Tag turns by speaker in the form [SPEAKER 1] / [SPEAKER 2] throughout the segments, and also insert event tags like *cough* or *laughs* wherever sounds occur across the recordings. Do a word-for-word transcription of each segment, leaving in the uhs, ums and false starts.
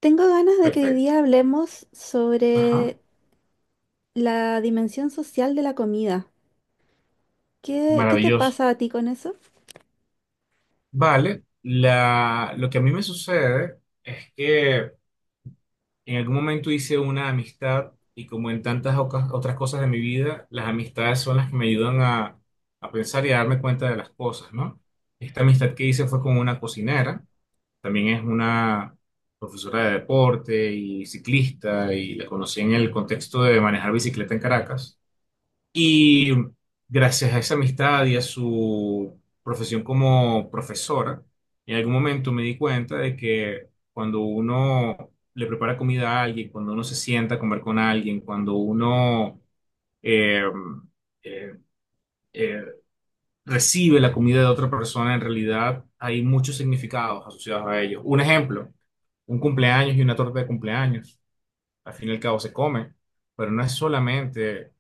[SPEAKER 1] Tengo ganas de que hoy
[SPEAKER 2] Perfecto.
[SPEAKER 1] día hablemos
[SPEAKER 2] Ajá.
[SPEAKER 1] sobre la dimensión social de la comida. ¿Qué, qué te
[SPEAKER 2] Maravilloso.
[SPEAKER 1] pasa a ti con eso?
[SPEAKER 2] Vale. La, lo que a mí me sucede es que en algún momento hice una amistad y como en tantas oca- otras cosas de mi vida, las amistades son las que me ayudan a, a pensar y a darme cuenta de las cosas, ¿no? Esta amistad que hice fue con una cocinera, también es una profesora de deporte y ciclista y la conocí en el contexto de manejar bicicleta en Caracas. Y gracias a esa amistad y a su profesión como profesora, en algún momento me di cuenta de que cuando uno le prepara comida a alguien, cuando uno se sienta a comer con alguien, cuando uno eh, eh, eh, recibe la comida de otra persona, en realidad hay muchos significados asociados a ello. Un ejemplo, un cumpleaños y una torta de cumpleaños al fin y al cabo se come, pero no es solamente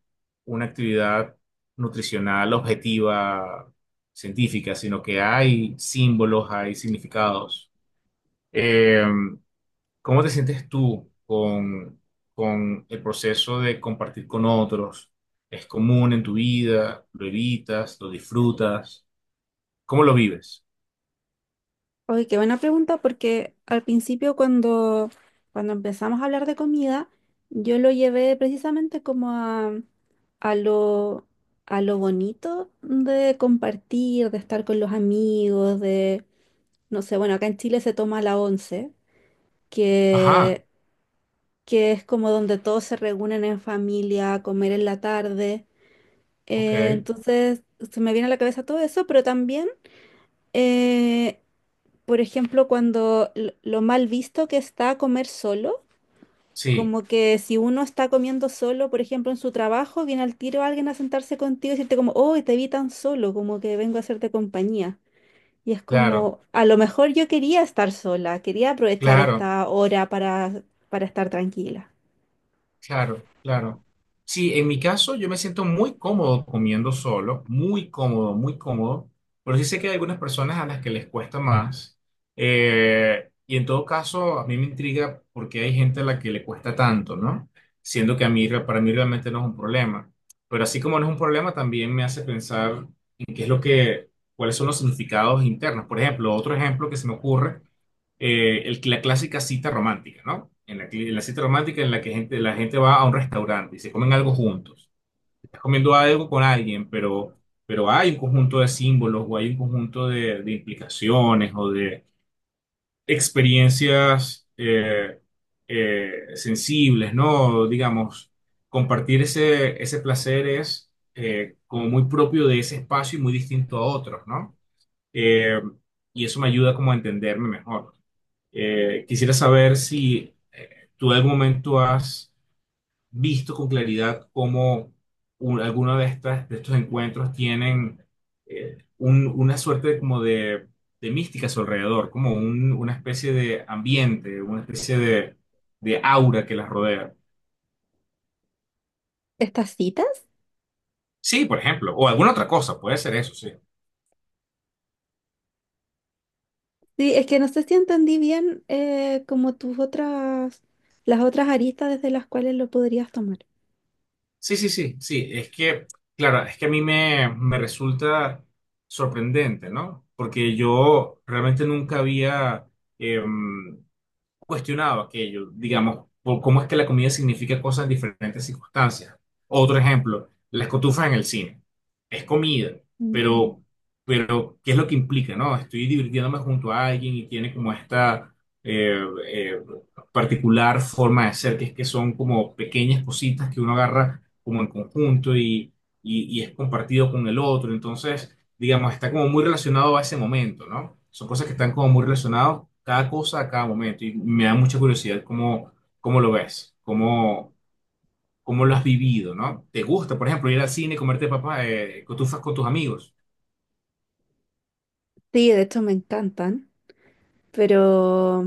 [SPEAKER 2] una actividad nutricional objetiva, científica, sino que hay símbolos, hay significados. Eh, ¿Cómo te sientes tú con, con el proceso de compartir con otros? ¿Es común en tu vida? ¿Lo evitas? ¿Lo disfrutas? ¿Cómo lo vives?
[SPEAKER 1] Oye, qué buena pregunta, porque al principio cuando, cuando empezamos a hablar de comida, yo lo llevé precisamente como a, a lo, a lo bonito de compartir, de estar con los amigos, de, no sé, bueno, acá en Chile se toma la once,
[SPEAKER 2] Ajá,
[SPEAKER 1] que, que es como donde todos se reúnen en familia a comer en la tarde.
[SPEAKER 2] ok,
[SPEAKER 1] Eh, entonces, se me viene a la cabeza todo eso, pero también, eh, por ejemplo, cuando l- lo mal visto que está comer solo,
[SPEAKER 2] sí,
[SPEAKER 1] como que si uno está comiendo solo, por ejemplo, en su trabajo, viene al tiro alguien a sentarse contigo y decirte como, oh, te vi tan solo, como que vengo a hacerte compañía. Y es
[SPEAKER 2] claro,
[SPEAKER 1] como, a lo mejor yo quería estar sola, quería aprovechar
[SPEAKER 2] claro.
[SPEAKER 1] esta hora para, para estar tranquila.
[SPEAKER 2] Claro, claro. Sí, en mi caso yo me siento muy cómodo comiendo solo, muy cómodo, muy cómodo, pero sí sé que hay algunas personas a las que les cuesta más. Eh, y en todo caso, a mí me intriga por qué hay gente a la que le cuesta tanto, ¿no? Siendo que a mí, re- para mí realmente no es un problema. Pero así como no es un problema, también me hace pensar en qué es lo que, cuáles son los significados internos. Por ejemplo, otro ejemplo que se me ocurre eh, el- la clásica cita romántica, ¿no? En la, cli- la cita romántica en la que gente, la gente va a un restaurante y se comen algo juntos. Estás comiendo algo con alguien, pero, pero hay un conjunto de símbolos o hay un conjunto de, de implicaciones o de experiencias eh, eh, sensibles, ¿no? Digamos, compartir ese, ese placer es eh, como muy propio de ese espacio y muy distinto a otros, ¿no? Eh, y eso me ayuda como a entenderme mejor. Eh, quisiera saber si eh, tú en algún momento has visto con claridad cómo un- alguno de estas, de estos encuentros tienen eh, un- una suerte de- como de, de mística a su alrededor, como un- una especie de ambiente, una especie de, de aura que las rodea.
[SPEAKER 1] ¿Estas citas?
[SPEAKER 2] Sí, por ejemplo, o alguna otra cosa, puede ser eso, sí.
[SPEAKER 1] Sí, es que no sé si entendí bien eh, como tus otras, las otras aristas desde las cuales lo podrías tomar.
[SPEAKER 2] Sí, sí, sí, sí, es que, claro, es que a mí me, me resulta sorprendente, ¿no? Porque yo realmente nunca había, em, cuestionado aquello, digamos, por cómo es que la comida significa cosas en diferentes circunstancias. Otro ejemplo, las cotufas en el cine. Es comida,
[SPEAKER 1] Mm.
[SPEAKER 2] pero, pero ¿qué es lo que implica, no? Estoy divirtiéndome junto a alguien y tiene como esta eh, eh, particular forma de ser, que es que son como pequeñas cositas que uno agarra como en conjunto y, y, y es compartido con el otro. Entonces, digamos, está como muy relacionado a ese momento, ¿no? Son cosas que están como muy relacionadas, cada cosa a cada momento, y me da mucha curiosidad cómo, cómo lo ves, cómo, cómo lo has vivido, ¿no? ¿Te gusta, por ejemplo, ir al cine, comerte papas, eh, cotufas con tus amigos?
[SPEAKER 1] Sí, de hecho me encantan, pero,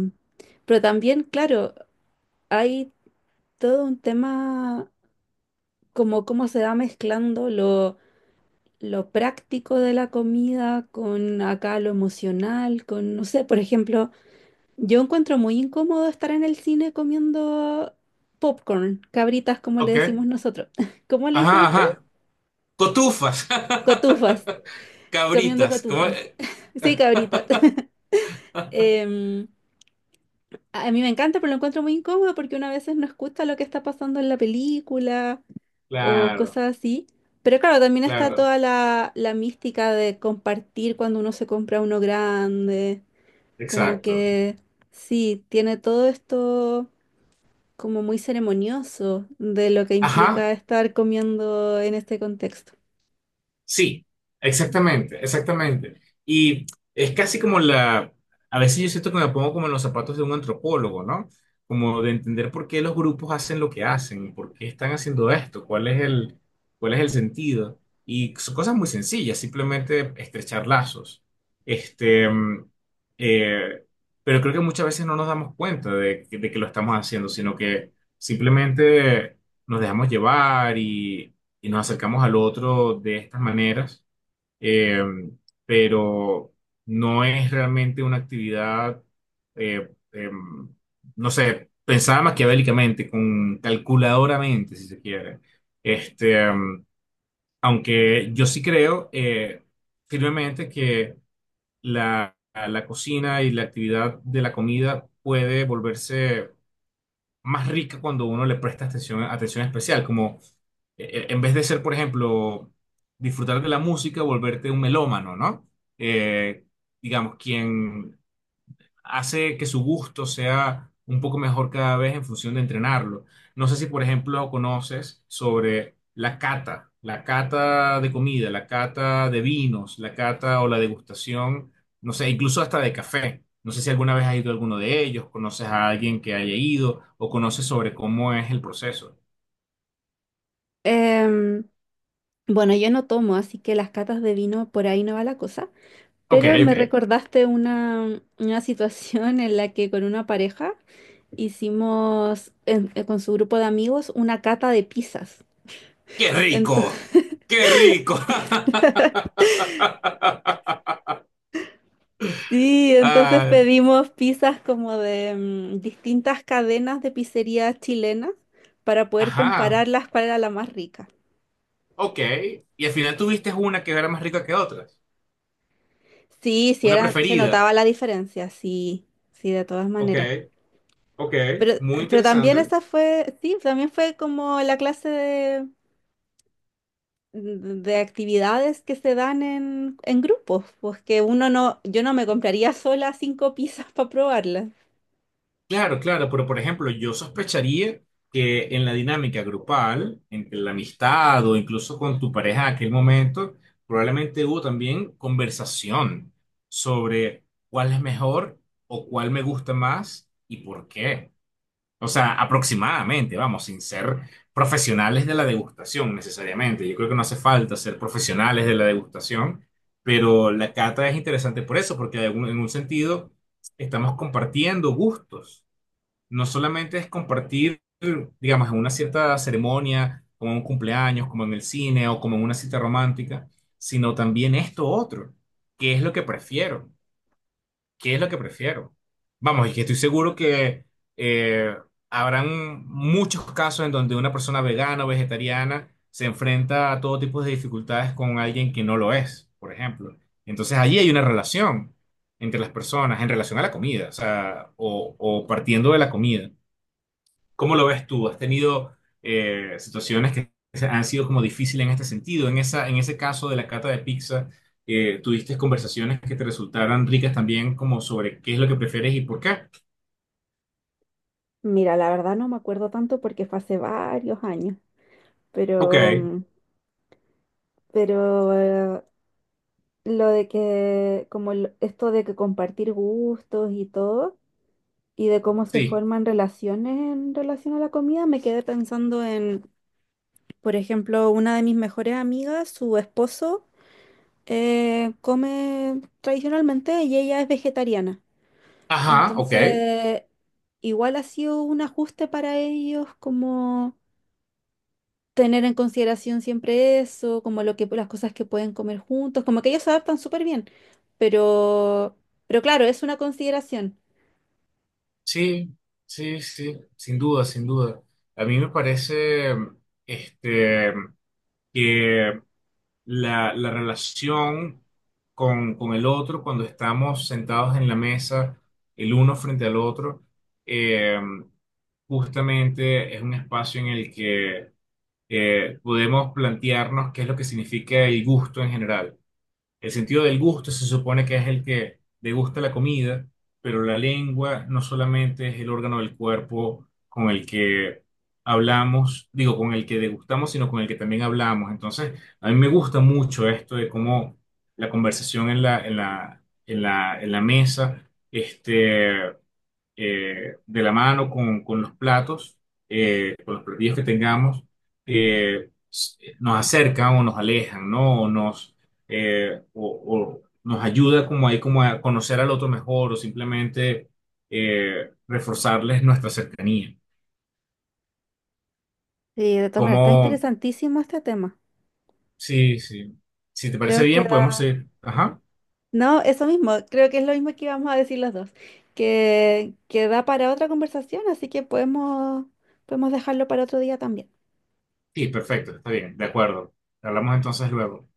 [SPEAKER 1] pero también, claro, hay todo un tema como cómo se va mezclando lo, lo práctico de la comida con acá lo emocional, con, no sé, por ejemplo, yo encuentro muy incómodo estar en el cine comiendo popcorn, cabritas como le
[SPEAKER 2] Ok.
[SPEAKER 1] decimos nosotros. *laughs* ¿Cómo le dicen
[SPEAKER 2] Ajá,
[SPEAKER 1] ustedes?
[SPEAKER 2] ajá. Cotufas.
[SPEAKER 1] Cotufas,
[SPEAKER 2] *laughs*
[SPEAKER 1] comiendo
[SPEAKER 2] Cabritas. ¿cómo?
[SPEAKER 1] cotufas. *laughs* Sí, cabritas. *laughs* Em, a a mí me encanta, pero lo encuentro muy incómodo porque uno a veces no escucha lo que está pasando en la película o
[SPEAKER 2] Claro,
[SPEAKER 1] cosas así. Pero claro, también está
[SPEAKER 2] claro.
[SPEAKER 1] toda la, la mística de compartir cuando uno se compra uno grande. Como
[SPEAKER 2] Exacto.
[SPEAKER 1] que sí, tiene todo esto como muy ceremonioso de lo que
[SPEAKER 2] Ajá,
[SPEAKER 1] implica estar comiendo en este contexto.
[SPEAKER 2] Sí, exactamente, exactamente. Y es casi como la, a veces yo siento que me pongo como en los zapatos de un antropólogo, ¿no? Como de entender por qué los grupos hacen lo que hacen, por qué están haciendo esto, cuál es el, cuál es el sentido. Y son cosas muy sencillas, simplemente estrechar lazos. Este, mm, eh, pero creo que muchas veces no nos damos cuenta de, que de que lo estamos haciendo, sino que simplemente nos dejamos llevar y nos acercamos al otro de estas maneras, eh, pero no es realmente una actividad, eh, em, no sé, pensada maquiavélicamente, con calculadoramente, si se quiere. Este, em, Aunque yo sí creo eh, firmemente que la, la cocina y la actividad de la comida puede volverse más rica cuando uno le presta atención, atención especial, como eh, eh, en vez de ser, por ejemplo, disfrutar de la música, volverte un melómano, ¿no? Eh, digamos, quien hace que su gusto sea un poco mejor cada vez en función de entrenarlo. No sé si, por ejemplo, conoces sobre la cata, la cata de comida, la cata de vinos, la cata o la degustación, no sé, incluso hasta de café. No sé si alguna vez has ido a alguno de ellos, conoces a alguien que haya ido o conoces sobre cómo es el proceso.
[SPEAKER 1] Em, Bueno, yo no tomo, así que las catas de vino por ahí no va la cosa,
[SPEAKER 2] Ok,
[SPEAKER 1] pero me
[SPEAKER 2] ok.
[SPEAKER 1] recordaste una, una situación en la que con una pareja hicimos en- eh, con su grupo de amigos una cata de pizzas.
[SPEAKER 2] ¡Qué rico!
[SPEAKER 1] Entonces,
[SPEAKER 2] ¡Qué rico! *laughs*
[SPEAKER 1] *laughs* sí, entonces
[SPEAKER 2] Ah,
[SPEAKER 1] pedimos pizzas como de mm, distintas cadenas de pizzerías chilenas para poder
[SPEAKER 2] ajá.
[SPEAKER 1] compararlas cuál era la más rica.
[SPEAKER 2] Ok. Y al final tuviste una que era más rica que otras.
[SPEAKER 1] Sí, sí
[SPEAKER 2] Una
[SPEAKER 1] eran, se
[SPEAKER 2] preferida.
[SPEAKER 1] notaba la diferencia, sí, sí, de todas
[SPEAKER 2] Ok,
[SPEAKER 1] maneras.
[SPEAKER 2] ok.
[SPEAKER 1] Pero,
[SPEAKER 2] Muy
[SPEAKER 1] pero también
[SPEAKER 2] interesante.
[SPEAKER 1] esa fue, sí, también fue como la clase de, de actividades que se dan en, en grupos, pues que uno no, yo no me compraría sola cinco pizzas *laughs* para probarlas.
[SPEAKER 2] Claro, claro, pero por ejemplo, yo sospecharía que en la dinámica grupal, entre la amistad o incluso con tu pareja en aquel momento, probablemente hubo también conversación sobre cuál es mejor o cuál me gusta más y por qué. O sea, aproximadamente, vamos, sin ser profesionales de la degustación necesariamente. Yo creo que no hace falta ser profesionales de la degustación, pero la cata es interesante por eso, porque de algún- en un sentido estamos compartiendo gustos. No solamente es compartir, digamos, en una cierta ceremonia, como en un cumpleaños, como en el cine o como en una cita romántica, sino también esto otro, que es lo que prefiero. ¿Qué es lo que prefiero? Vamos, y que estoy seguro que eh, habrán muchos casos en donde una persona vegana o vegetariana se enfrenta a todo tipo de dificultades con alguien que no lo es, por ejemplo. Entonces allí hay una relación entre las personas en relación a la comida, o sea, o, o partiendo de la comida. ¿Cómo lo ves tú? ¿Has tenido eh, situaciones que han sido como difíciles en este sentido? En esa, en ese caso de la cata de pizza, eh, ¿tuviste conversaciones que te resultaran ricas también como sobre qué es lo que prefieres y por qué?
[SPEAKER 1] Mira, la verdad no me acuerdo tanto porque fue hace varios años,
[SPEAKER 2] Ok,
[SPEAKER 1] pero, mm, pero eh, lo de que, como lo- esto de que compartir gustos y todo, y de cómo se
[SPEAKER 2] sí.
[SPEAKER 1] forman relaciones en relación a la comida, me quedé pensando en. Por ejemplo, una de mis mejores amigas, su esposo, eh, come tradicionalmente y ella es vegetariana.
[SPEAKER 2] Ajá, ok.
[SPEAKER 1] Entonces, igual ha sido un ajuste para ellos como tener en consideración siempre eso, como lo que, las cosas que pueden comer juntos, como que ellos se adaptan súper bien. Pero, pero claro, es una consideración.
[SPEAKER 2] Sí, sí, sí, sin duda, sin duda. A mí me parece, este, que la, la relación con, con el otro cuando estamos sentados en la mesa, el uno frente al otro, eh, justamente es un espacio en el que eh, podemos plantearnos qué es lo que significa el gusto en general. El sentido del gusto se supone que es el que degusta la comida, pero la lengua no solamente es el órgano del cuerpo con el que hablamos, digo, con el que degustamos, sino con el que también hablamos. Entonces, a mí me gusta mucho esto de cómo la conversación en la, en la, en la, en la mesa, este, eh, de la mano con, con los platos, eh, con los platillos que tengamos, eh, s- nos acercan o nos alejan, ¿no? O nos, eh, o, o nos ayuda como ahí como a conocer al otro mejor o simplemente eh, reforzarles nuestra cercanía.
[SPEAKER 1] Y de todas maneras,
[SPEAKER 2] Como,
[SPEAKER 1] está interesantísimo este tema.
[SPEAKER 2] sí, sí. Si te parece
[SPEAKER 1] Creo que
[SPEAKER 2] bien, podemos
[SPEAKER 1] da.
[SPEAKER 2] ir. Ajá.
[SPEAKER 1] No, eso mismo, creo que es lo mismo que íbamos a decir los dos, que, que da para otra conversación, así que podemos, podemos dejarlo para otro día también.
[SPEAKER 2] Sí, perfecto, está bien, de acuerdo. Hablamos entonces luego.